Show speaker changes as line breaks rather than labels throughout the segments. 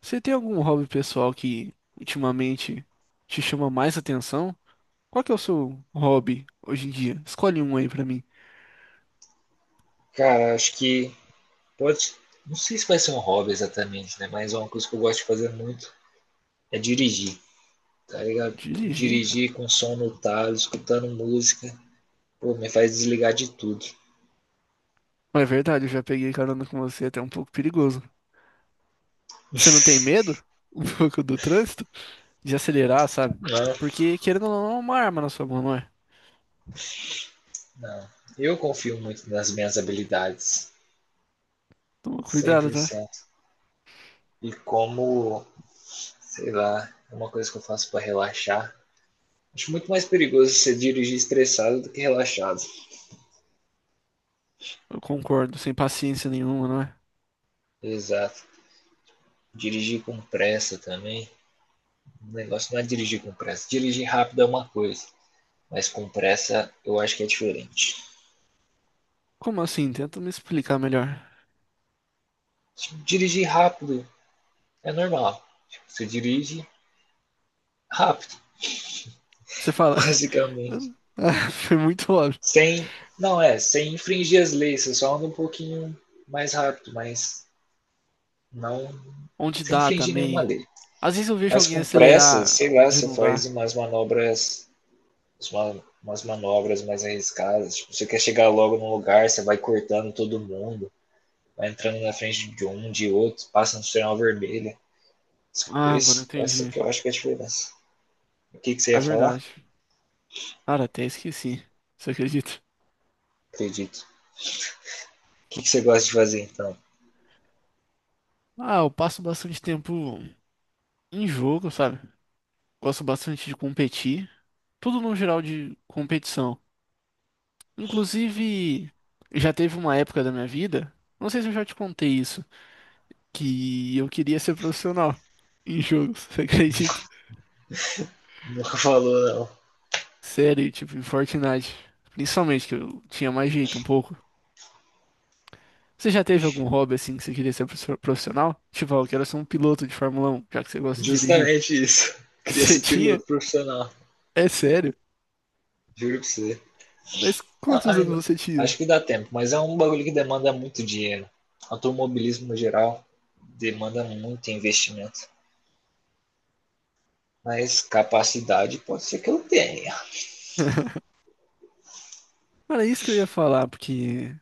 Você tem algum hobby pessoal que ultimamente te chama mais atenção? Qual que é o seu hobby hoje em dia? Escolhe um aí pra mim.
Cara, acho que pode. Não sei se vai ser um hobby exatamente, né? Mas é uma coisa que eu gosto de fazer muito é dirigir, tá ligado?
Dirigir?
Dirigir com som no talo, escutando música, pô, me faz desligar de tudo.
Mas é verdade, eu já peguei carona com você, é até um pouco perigoso. Você não tem medo um pouco do trânsito? De acelerar, sabe?
Não,
Porque querendo ou não, é uma arma na sua mão, não é?
não. Eu confio muito nas minhas habilidades,
Toma
cem
cuidado,
por
tá?
cento. E como, sei lá, é uma coisa que eu faço para relaxar. Acho muito mais perigoso você dirigir estressado do que relaxado.
Eu concordo, sem paciência nenhuma, não é?
Exato. Dirigir com pressa também. O negócio não é dirigir com pressa. Dirigir rápido é uma coisa, mas com pressa eu acho que é diferente.
Como assim? Tenta me explicar melhor.
Dirigir rápido é normal. Tipo, você dirige rápido,
Você fala.
basicamente.
Ah, foi muito óbvio.
Sem. Não, é, sem infringir as leis, você só anda um pouquinho mais rápido, mas não
Onde
sem
dá
infringir nenhuma
também.
lei.
Às vezes eu vejo
Mas
alguém
com pressa,
acelerar
sei lá,
onde
você
não
faz
dá.
umas manobras. Umas manobras mais arriscadas. Tipo, você quer chegar logo no lugar, você vai cortando todo mundo, vai entrando na frente de um, de outro, passa no sinal vermelho.
Ah, agora eu
Esse, essa
entendi.
que eu acho que é a diferença. O que, que você
É
ia falar?
verdade. Cara, até esqueci. Você acredita?
Acredito. O que, que você gosta de fazer então?
Ah, eu passo bastante tempo em jogo, sabe? Gosto bastante de competir. Tudo no geral de competição. Inclusive, já teve uma época da minha vida, não sei se eu já te contei isso, que eu queria ser profissional em jogos, você acredita?
Nunca falou, não.
Sério, tipo, em Fortnite. Principalmente que eu tinha mais jeito um pouco. Você já teve algum hobby assim que você queria ser profissional? Tipo, ah, eu quero ser um piloto de Fórmula um, já que você gosta de dirigir.
Justamente isso. Queria
Você
ser
tinha?
piloto profissional.
É sério?
Juro pra você.
Mas
Não,
quantos anos você tinha?
acho que dá tempo, mas é um bagulho que demanda muito dinheiro. Automobilismo no geral demanda muito investimento. Mas capacidade pode ser que eu tenha.
Cara, é isso que eu ia falar, porque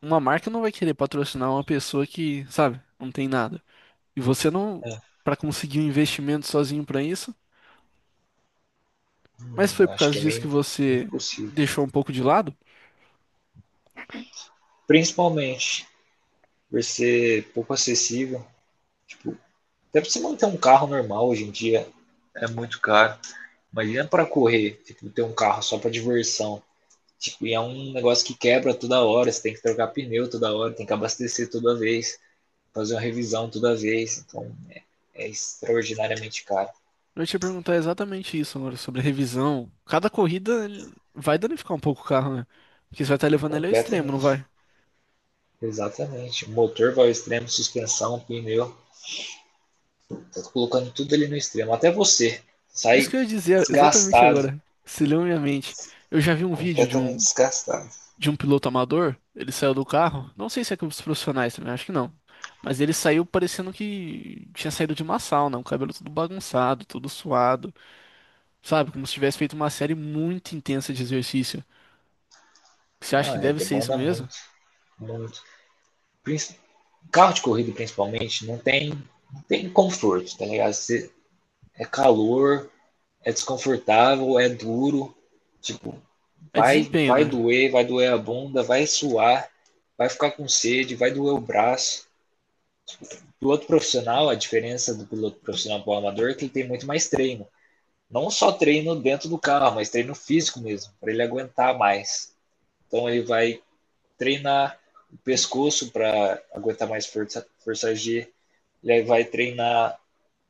uma marca não vai querer patrocinar uma pessoa que, sabe, não tem nada. E você não,
É.
pra conseguir um investimento sozinho pra isso, mas foi por
Acho
causa
que é
disso que
meio
você
impossível.
deixou um pouco de lado?
Principalmente por ser pouco acessível. Até para você manter um carro normal hoje em dia é muito caro. Imagina para correr, tipo, ter um carro só para diversão. Tipo, e é um negócio que quebra toda hora, você tem que trocar pneu toda hora, tem que abastecer toda vez, fazer uma revisão toda vez. Então é extraordinariamente caro.
Eu ia te perguntar exatamente isso agora, sobre a revisão. Cada corrida ele vai danificar um pouco o carro, né? Porque você vai estar levando ele ao extremo, não
Completamente.
vai?
Exatamente. Motor vai ao extremo, suspensão, pneu. Tá colocando tudo ali no extremo. Até você
Isso que
sai
eu ia dizer exatamente
desgastado,
agora. Se leu minha mente. Eu já vi um vídeo de
completamente
um,
desgastado.
de um piloto amador. Ele saiu do carro. Não sei se é com os profissionais também, acho que não. Mas ele saiu parecendo que tinha saído de uma sauna, o cabelo todo bagunçado, todo suado, sabe? Como se tivesse feito uma série muito intensa de exercício. Você acha
Não,
que
é,
deve ser isso
demanda
mesmo?
muito. Muito. Princi- Carro de corrida, principalmente, não tem conforto, tá ligado? É calor, é desconfortável, é duro. Tipo,
É
vai,
desempenho,
vai
né?
doer, vai doer a bunda, vai suar, vai ficar com sede, vai doer o braço. Tipo, piloto profissional, a diferença do piloto profissional para o amador é que ele tem muito mais treino. Não só treino dentro do carro, mas treino físico mesmo, para ele aguentar mais. Então ele vai treinar o pescoço para aguentar mais força, força G. Ele vai treinar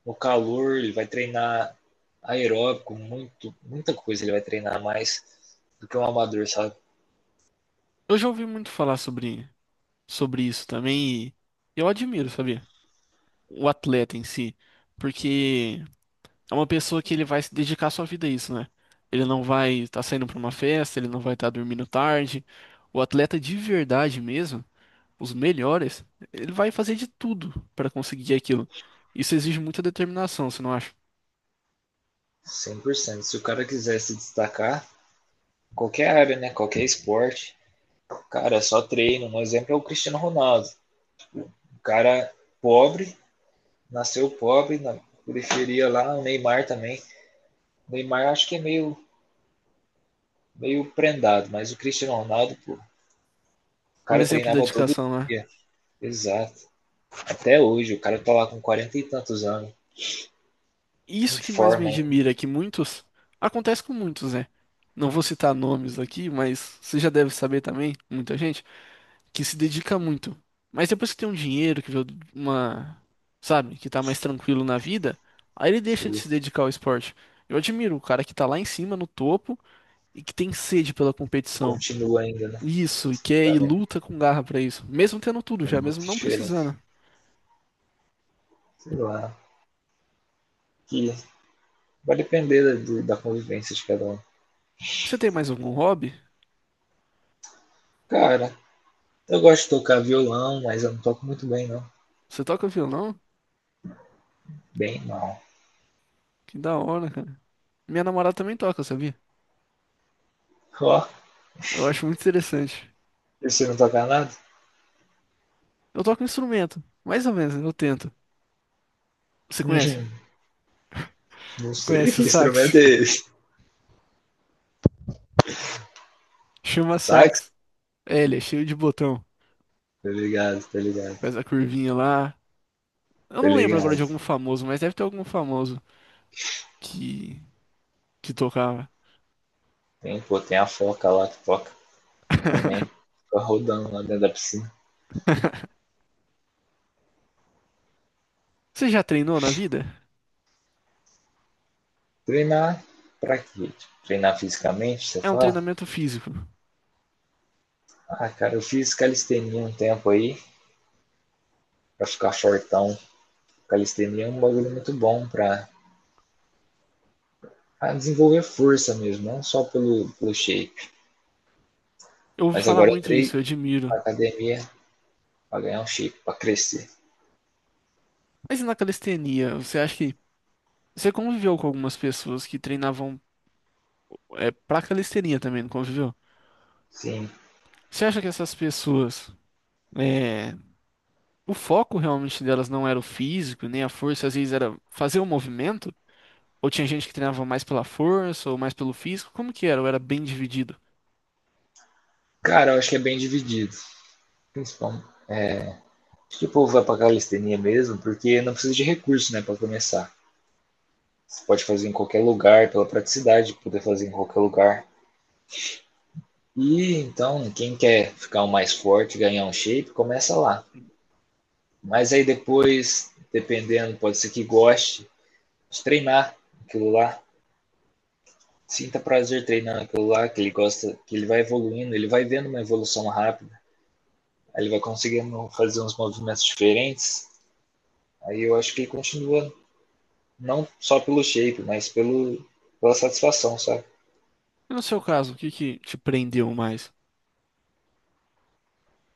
no calor, ele vai treinar aeróbico, muito, muita coisa ele vai treinar mais do que um amador, sabe?
Eu já ouvi muito falar sobre isso também e eu admiro, sabia? O atleta em si. Porque. É uma pessoa que ele vai se dedicar sua vida a isso, né? Ele não vai estar saindo para uma festa, ele não vai estar dormindo tarde. O atleta de verdade mesmo, os melhores, ele vai fazer de tudo para conseguir aquilo. Isso exige muita determinação, você não acha?
100%. Se o cara quiser se destacar, qualquer área, né? Qualquer esporte, cara, é só treino. Um exemplo é o Cristiano Ronaldo. Um cara pobre, nasceu pobre, na periferia lá, o Neymar também. O Neymar acho que é meio prendado, mas o Cristiano Ronaldo, o
É um
cara
exemplo de
treinava todo
dedicação, né?
dia. Exato. Até hoje, o cara tá lá com 40 e tantos anos. Em
Isso que mais me
forma ainda.
admira é que muitos, acontece com muitos, né? Não vou citar nomes aqui, mas você já deve saber também, muita gente que se dedica muito. Mas depois que tem um dinheiro, que vê uma, sabe, que tá mais tranquilo na vida, aí ele deixa de
Ele
se dedicar ao esporte. Eu admiro o cara que tá lá em cima, no topo, e que tem sede pela competição.
continua ainda, né?
Isso, e quer
Tá
e
vendo?
luta com garra pra isso, mesmo tendo tudo
É
já, mesmo
muito
não
diferente.
precisando.
Sei lá. Que vai depender da convivência de cada um.
Você tem mais algum hobby?
Cara, eu gosto de tocar violão, mas eu não toco muito bem, não.
Você toca violão?
Bem mal.
Que da hora, cara. Minha namorada também toca, sabia?
Ó,
Eu acho muito interessante.
e você não toca nada?
Eu toco um instrumento, mais ou menos, eu tento. Você
Hum,
conhece?
não sei
Conhece
que
o
instrumento
sax?
é esse.
Chama
Sax?
sax. É, ele é cheio de botão.
Tá ligado, tá ligado.
Faz a curvinha lá. Eu
Tá
não lembro agora
ligado.
de algum famoso, mas deve ter algum famoso que, que tocava.
Tem, pô, tem a foca lá que toca. No México, ficava rodando lá dentro da piscina.
Você já treinou na vida?
Treinar pra quê? Tipo, treinar fisicamente, você
É um
fala?
treinamento físico.
Ah, cara, eu fiz calistenia um tempo aí, pra ficar fortão. Calistenia é um bagulho muito bom pra, pra desenvolver força mesmo, não só pelo, pelo shape.
Eu ouvi
Mas
falar
agora eu
muito isso,
entrei
eu
pra
admiro.
academia pra ganhar um shape, pra crescer.
Mas e na calistenia, você acha que. Você conviveu com algumas pessoas que treinavam pra calistenia também, não conviveu?
Sim.
Você acha que essas pessoas. é, o foco realmente delas não era o físico, nem a força, às vezes era fazer o movimento? Ou tinha gente que treinava mais pela força ou mais pelo físico? Como que era? Ou era bem dividido?
Cara, eu acho que é bem dividido. Principalmente. Acho que o povo vai pra calistenia mesmo, porque não precisa de recurso, né, pra começar. Você pode fazer em qualquer lugar, pela praticidade, de poder fazer em qualquer lugar. E então, quem quer ficar o mais forte, ganhar um shape, começa lá. Mas aí depois, dependendo, pode ser que goste de treinar aquilo lá, sinta prazer treinando aquilo lá, que ele gosta, que ele vai evoluindo, ele vai vendo uma evolução rápida, aí ele vai conseguindo fazer uns movimentos diferentes. Aí eu acho que ele continua não só pelo shape, mas pelo, pela satisfação, sabe?
E no seu caso, o que que te prendeu mais?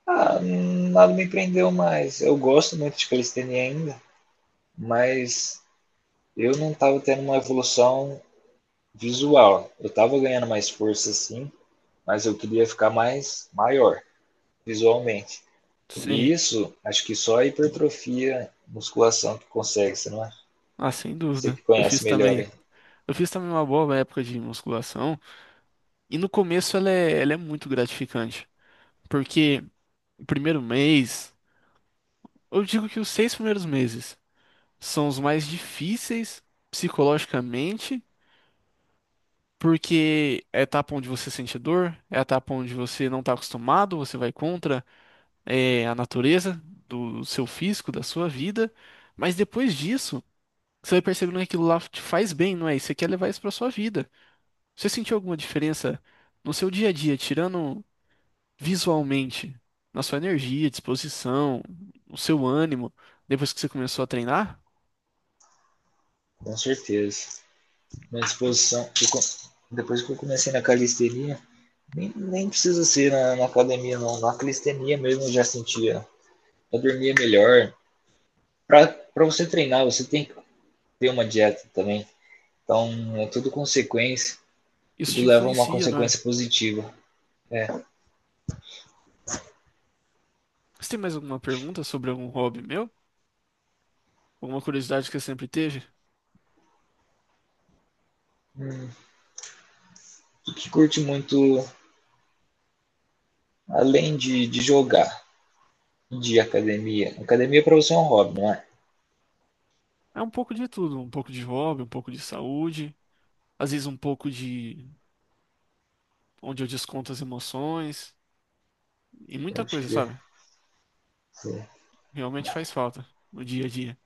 Ah, nada me prendeu mais. Eu gosto muito de calistenia ainda, mas eu não estava tendo uma evolução visual. Eu estava ganhando mais força, sim, mas eu queria ficar mais maior visualmente. E
Sim.
isso, acho que só a hipertrofia, musculação que consegue, você não é?
Ah, sem
Você
dúvida.
que
Eu fiz
conhece melhor
também.
aí,
Eu fiz também uma boa época de musculação. E no começo ela é muito gratificante. Porque o primeiro mês, eu digo que os 6 primeiros meses são os mais difíceis psicologicamente. Porque é etapa onde você sente dor, é etapa onde você não está acostumado, você vai contra a natureza do seu físico, da sua vida. Mas depois disso, você vai percebendo que aquilo lá te faz bem, não é? E você quer levar isso para sua vida. Você sentiu alguma diferença no seu dia a dia, tirando visualmente, na sua energia, disposição, no seu ânimo, depois que você começou a treinar?
com certeza. Minha disposição, depois que eu comecei na calistenia, nem precisa ser na academia, não. Na calistenia mesmo eu já sentia, eu dormia melhor. Para você treinar, você tem que ter uma dieta também. Então é tudo consequência,
Isso
tudo
te
leva a uma
influencia, não é?
consequência positiva. É.
Você tem mais alguma pergunta sobre algum hobby meu? Alguma curiosidade que você sempre teve?
Tu que curte muito, além de jogar, de academia. Academia para você é um hobby, não é?
É um pouco de tudo, um pouco de hobby, um pouco de saúde, às vezes um pouco de onde eu desconto as emoções e muita
Pode
coisa,
crer.
sabe?
Sim.
Realmente faz falta no dia a dia.